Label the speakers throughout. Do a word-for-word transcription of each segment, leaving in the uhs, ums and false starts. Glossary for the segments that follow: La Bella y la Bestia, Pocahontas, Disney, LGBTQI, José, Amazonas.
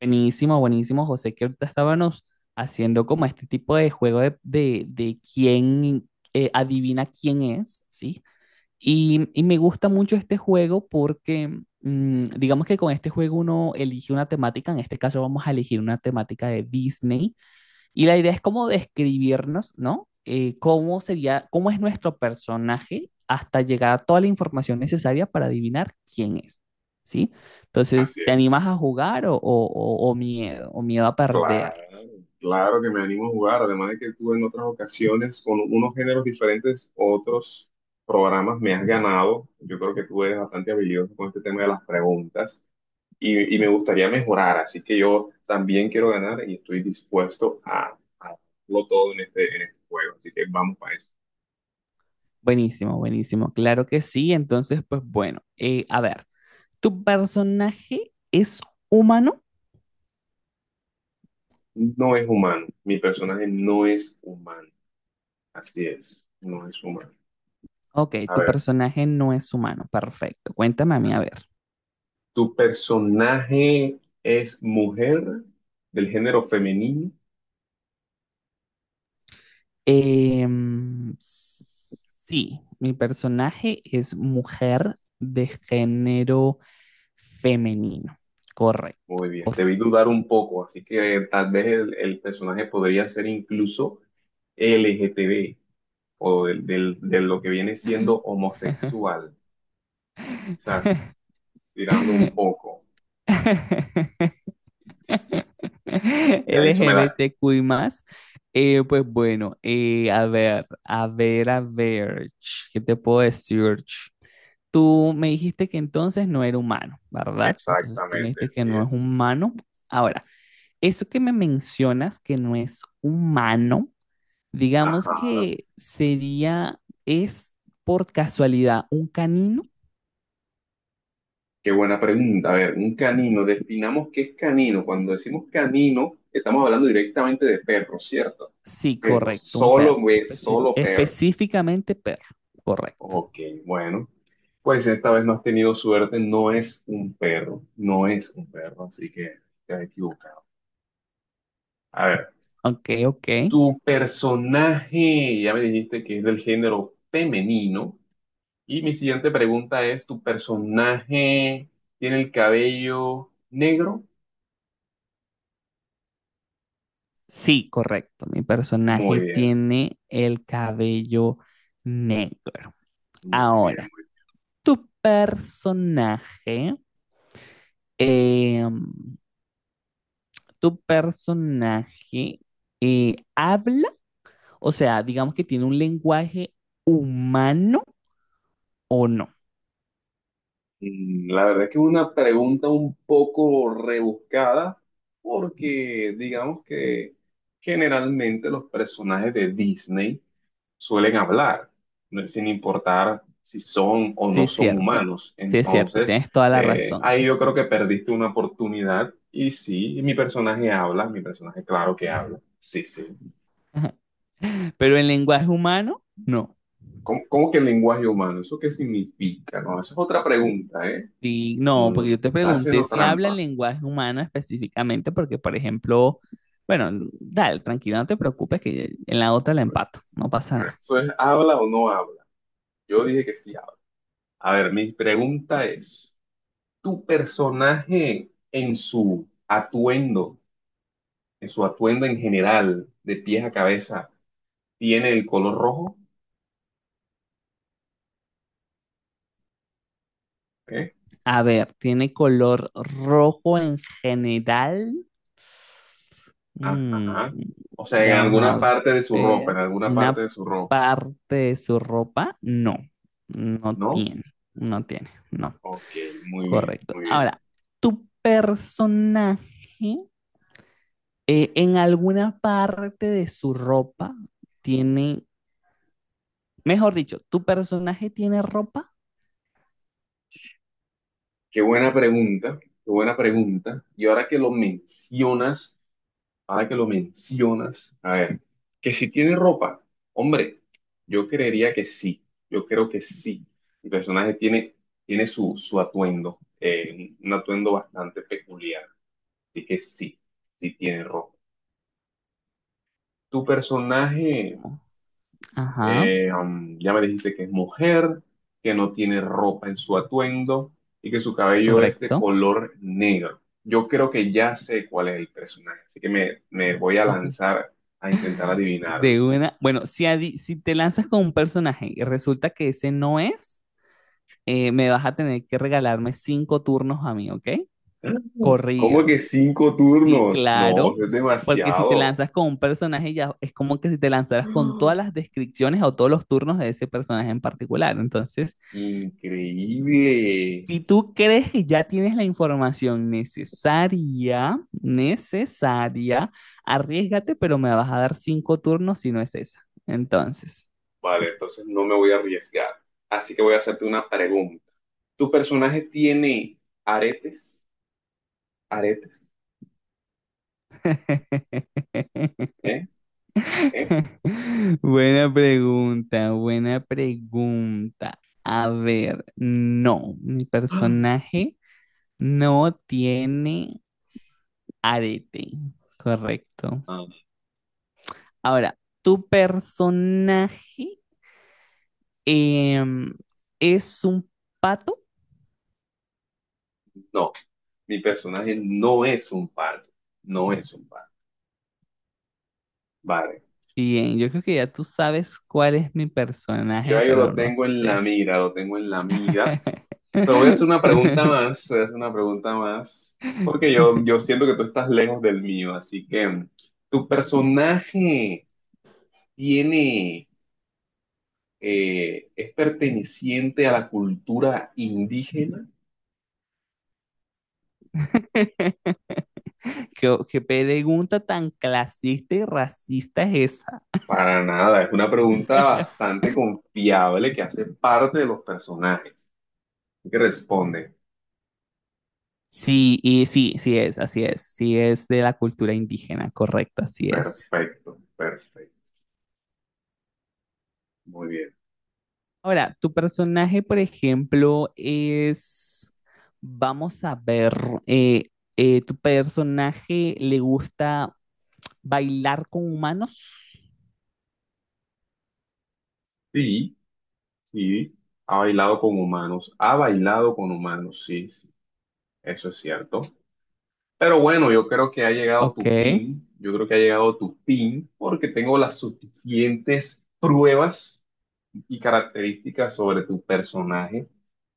Speaker 1: Buenísimo, buenísimo, José, que ahorita estábamos haciendo como este tipo de juego de, de, de quién eh, adivina quién es, ¿sí? Y, y me gusta mucho este juego porque mm, digamos que con este juego uno elige una temática, en este caso vamos a elegir una temática de Disney y la idea es cómo describirnos, ¿no? Eh, cómo sería, cómo es nuestro personaje hasta llegar a toda la información necesaria para adivinar quién es, ¿sí? Entonces,
Speaker 2: Así
Speaker 1: ¿te
Speaker 2: es.
Speaker 1: animas a jugar o, o- o- o miedo, o miedo a perder?
Speaker 2: Claro, claro que me animo a jugar. Además de que tú en otras ocasiones, con unos géneros diferentes, otros programas, me has ganado. Yo creo que tú eres bastante habilidoso con este tema de las preguntas y, y me gustaría mejorar. Así que yo también quiero ganar y estoy dispuesto a, a darlo todo en este, en este juego. Así que vamos para eso.
Speaker 1: Buenísimo, buenísimo, claro que sí. Entonces, pues bueno, eh, a ver, ¿tu personaje es humano?
Speaker 2: No es humano. Mi personaje no es humano. Así es. No es humano.
Speaker 1: Ok,
Speaker 2: A
Speaker 1: tu
Speaker 2: ver.
Speaker 1: personaje no es humano, perfecto. Cuéntame a mí, a ver.
Speaker 2: ¿Tu personaje es mujer del género femenino?
Speaker 1: Em, sí, mi personaje es mujer de género femenino. Correcto,
Speaker 2: Muy bien, te vi
Speaker 1: correcto.
Speaker 2: dudar un poco, así que tal vez el, el personaje podría ser incluso L G T B o del- del- de lo que viene siendo homosexual, quizás tirando un poco. Ya eso me da
Speaker 1: L G B T Q I más. Eh, pues bueno, eh, a ver, a ver, a ver, ch, ¿qué te puedo decir? Ch? Tú me dijiste que entonces no era humano, ¿verdad? Entonces tú me
Speaker 2: exactamente,
Speaker 1: dijiste que
Speaker 2: así
Speaker 1: no es
Speaker 2: es.
Speaker 1: humano. Ahora, eso que me mencionas que no es humano, digamos
Speaker 2: Ajá.
Speaker 1: que sería, es por casualidad un canino.
Speaker 2: Qué buena pregunta. A ver, un canino, definamos qué es canino. Cuando decimos canino, estamos hablando directamente de perros, ¿cierto?
Speaker 1: Sí,
Speaker 2: Perros,
Speaker 1: correcto, un
Speaker 2: solo,
Speaker 1: perro,
Speaker 2: güey,
Speaker 1: especi-
Speaker 2: solo perros.
Speaker 1: específicamente perro, correcto.
Speaker 2: Ok, bueno, pues esta vez no has tenido suerte, no es un perro, no es un perro, así que te has equivocado. A ver,
Speaker 1: Ok, ok.
Speaker 2: tu personaje, ya me dijiste que es del género femenino, y mi siguiente pregunta es, ¿tu personaje tiene el cabello negro?
Speaker 1: Sí, correcto. Mi
Speaker 2: Muy
Speaker 1: personaje
Speaker 2: bien.
Speaker 1: tiene el cabello negro.
Speaker 2: Muy bien.
Speaker 1: Ahora, tu personaje, em, tu personaje eh, habla. O sea, digamos que tiene un lenguaje humano o no.
Speaker 2: Mm, La verdad es que es una pregunta un poco rebuscada porque digamos que generalmente los personajes de Disney suelen hablar, ¿no? Sin importar si son o
Speaker 1: Sí,
Speaker 2: no
Speaker 1: es
Speaker 2: son
Speaker 1: cierto.
Speaker 2: humanos.
Speaker 1: Sí, es cierto.
Speaker 2: Entonces,
Speaker 1: Tienes toda la
Speaker 2: eh,
Speaker 1: razón.
Speaker 2: ahí yo creo que perdiste una oportunidad y sí, mi personaje habla, mi personaje claro que habla. Sí, sí. A
Speaker 1: Pero
Speaker 2: ver,
Speaker 1: en lenguaje humano, no.
Speaker 2: ¿cómo, cómo que lenguaje humano? ¿Eso qué significa? No, esa es otra pregunta, ¿eh?
Speaker 1: Sí, no, porque
Speaker 2: Mm,
Speaker 1: yo te
Speaker 2: está
Speaker 1: pregunté
Speaker 2: haciendo
Speaker 1: si habla en
Speaker 2: trampa.
Speaker 1: lenguaje humano específicamente, porque, por ejemplo, bueno, dale, tranquilo, no te preocupes, que en la otra la empato. No pasa nada.
Speaker 2: Eso es, ¿habla o no habla? Yo dije que sí habla. A ver, mi pregunta es, ¿tu personaje en su atuendo, en su atuendo en general, de pies a cabeza, tiene el color rojo? ¿Eh?
Speaker 1: A ver, ¿tiene color rojo en general? Mm,
Speaker 2: Ajá. O sea, en
Speaker 1: vamos
Speaker 2: alguna
Speaker 1: a
Speaker 2: parte de su ropa,
Speaker 1: ver.
Speaker 2: en alguna parte
Speaker 1: Una
Speaker 2: de su ropa,
Speaker 1: parte de su ropa, no. No
Speaker 2: ¿no?
Speaker 1: tiene. No tiene. No.
Speaker 2: Ok, muy bien,
Speaker 1: Correcto.
Speaker 2: muy bien.
Speaker 1: Ahora, tu personaje eh, en alguna parte de su ropa tiene. Mejor dicho, tu personaje tiene ropa.
Speaker 2: Qué buena pregunta, qué buena pregunta. Y ahora que lo mencionas. Ahora que lo mencionas, a ver, que si tiene ropa, hombre, yo creería que sí, yo creo que sí. El personaje tiene, tiene su, su atuendo, eh, un atuendo bastante peculiar, así que sí, sí tiene ropa. Tu personaje,
Speaker 1: Ajá.
Speaker 2: eh, um, ya me dijiste que es mujer, que no tiene ropa en su atuendo y que su cabello es de
Speaker 1: Correcto.
Speaker 2: color negro. Yo creo que ya sé cuál es el personaje, así que me, me voy a lanzar a intentar adivinarlo.
Speaker 1: De una. Bueno, si, adi- si te lanzas con un personaje y resulta que ese no es, eh, me vas a tener que regalarme cinco turnos a mí, ¿ok?
Speaker 2: ¿Cómo que
Speaker 1: Corridos.
Speaker 2: cinco
Speaker 1: Sí,
Speaker 2: turnos? No,
Speaker 1: claro.
Speaker 2: eso es
Speaker 1: Porque si te
Speaker 2: demasiado.
Speaker 1: lanzas con un personaje, ya es como que si te lanzaras con todas las descripciones o todos los turnos de ese personaje en particular. Entonces,
Speaker 2: Increíble.
Speaker 1: si tú crees que ya tienes la información necesaria, necesaria, arriesgate, pero me vas a dar cinco turnos si no es esa. Entonces.
Speaker 2: Vale, entonces no me voy a arriesgar. Así que voy a hacerte una pregunta. ¿Tu personaje tiene aretes? ¿Aretes? ¿Eh? ¿Eh?
Speaker 1: Buena pregunta, buena pregunta. A ver, no, mi personaje no tiene arete, correcto.
Speaker 2: Ah,
Speaker 1: Ahora, ¿tu personaje em, es un pato?
Speaker 2: no, mi personaje no es un pardo. No es un pardo. Vale.
Speaker 1: Bien, yo creo que ya tú sabes cuál es mi
Speaker 2: Yo
Speaker 1: personaje,
Speaker 2: ahí lo
Speaker 1: pero no
Speaker 2: tengo en la
Speaker 1: sé.
Speaker 2: mira, lo tengo en la mira. Te voy a hacer una pregunta más, te voy a hacer una pregunta más, porque yo, yo siento que tú estás lejos del mío, así que mm, ¿tu personaje tiene, eh, es perteneciente a la cultura indígena?
Speaker 1: ¿Qué, qué pregunta tan clasista y racista es esa?
Speaker 2: Para nada, es una pregunta bastante confiable que hace parte de los personajes. Así que responde,
Speaker 1: Sí, y sí, sí es, así es, sí es de la cultura indígena, correcto, así es.
Speaker 2: perfecto, perfecto, muy bien.
Speaker 1: Ahora, tu personaje, por ejemplo, es, vamos a ver, eh, eh, ¿tu personaje le gusta bailar con humanos?
Speaker 2: Sí, sí, ha bailado con humanos, ha bailado con humanos, sí, sí, eso es cierto. Pero bueno, yo creo que ha llegado
Speaker 1: Ok,
Speaker 2: tu fin, yo creo que ha llegado tu fin porque tengo las suficientes pruebas y características sobre tu personaje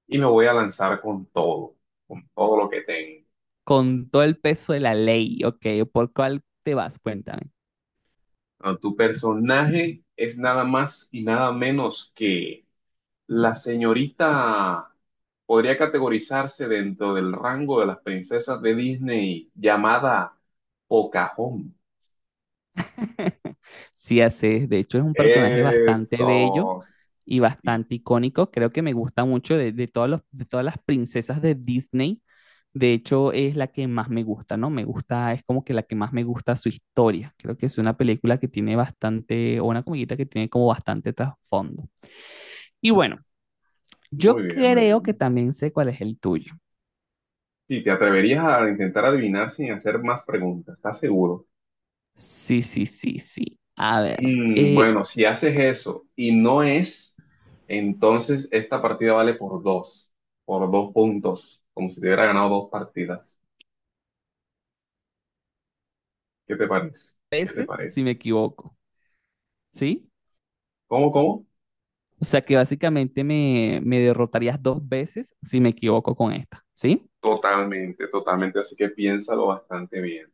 Speaker 2: y me voy a lanzar con todo, con todo lo que tengo.
Speaker 1: con todo el peso de la ley, ok, ¿por cuál te vas? Cuéntame.
Speaker 2: Bueno, tu personaje es nada más y nada menos que la señorita, podría categorizarse dentro del rango de las princesas de Disney llamada Pocahontas.
Speaker 1: Sí, así es. De hecho, es un personaje bastante bello
Speaker 2: Eso,
Speaker 1: y
Speaker 2: sí,
Speaker 1: bastante icónico. Creo que me gusta mucho de, de todos los- de todas las princesas de Disney. De hecho, es la que más me gusta, ¿no? Me gusta, es como que la que más me gusta su historia. Creo que es una película que tiene bastante, o una comiquita que tiene como bastante trasfondo. Y bueno,
Speaker 2: muy
Speaker 1: yo
Speaker 2: bien, muy
Speaker 1: creo que
Speaker 2: bien.
Speaker 1: también sé cuál es el tuyo.
Speaker 2: Sí, te atreverías a intentar adivinar sin hacer más preguntas, ¿estás seguro?
Speaker 1: Sí, sí, sí, sí. A ver,
Speaker 2: Mm,
Speaker 1: eh,
Speaker 2: bueno, si haces eso y no es, entonces esta partida vale por dos, por dos puntos, como si te hubiera ganado dos partidas. ¿Qué te parece?
Speaker 1: a
Speaker 2: ¿Qué te
Speaker 1: veces si me
Speaker 2: parece?
Speaker 1: equivoco, ¿sí?
Speaker 2: ¿Cómo, cómo?
Speaker 1: O sea que básicamente me, me derrotarías dos veces si me equivoco con esta, ¿sí?
Speaker 2: Totalmente, totalmente, así que piénsalo bastante bien.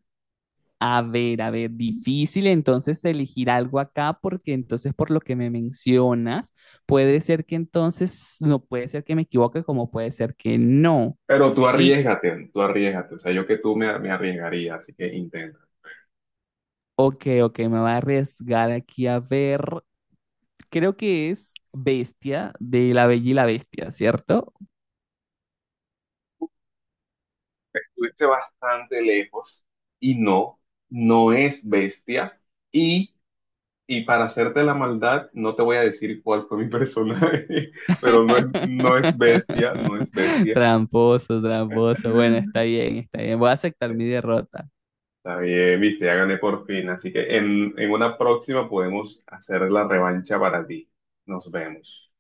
Speaker 1: A ver, a ver, difícil entonces elegir algo acá porque entonces por lo que me mencionas, puede ser que entonces no puede ser que me equivoque como puede ser que no.
Speaker 2: Pero tú
Speaker 1: Y,
Speaker 2: arriesgate, tú arriesgate, o sea, yo que tú me, me arriesgaría, así que intenta.
Speaker 1: ok, ok, me voy a arriesgar aquí a ver. Creo que es Bestia de La Bella y la Bestia, ¿cierto?
Speaker 2: Estuviste bastante lejos y no, no es bestia. Y, y para hacerte la maldad, no te voy a decir cuál fue mi personaje, pero no es, no es bestia, no es bestia.
Speaker 1: Tramposo, tramposo. Bueno, está bien, está bien. Voy a aceptar mi derrota.
Speaker 2: Está bien, viste, ya gané por fin. Así que en, en una próxima podemos hacer la revancha para ti. Nos vemos.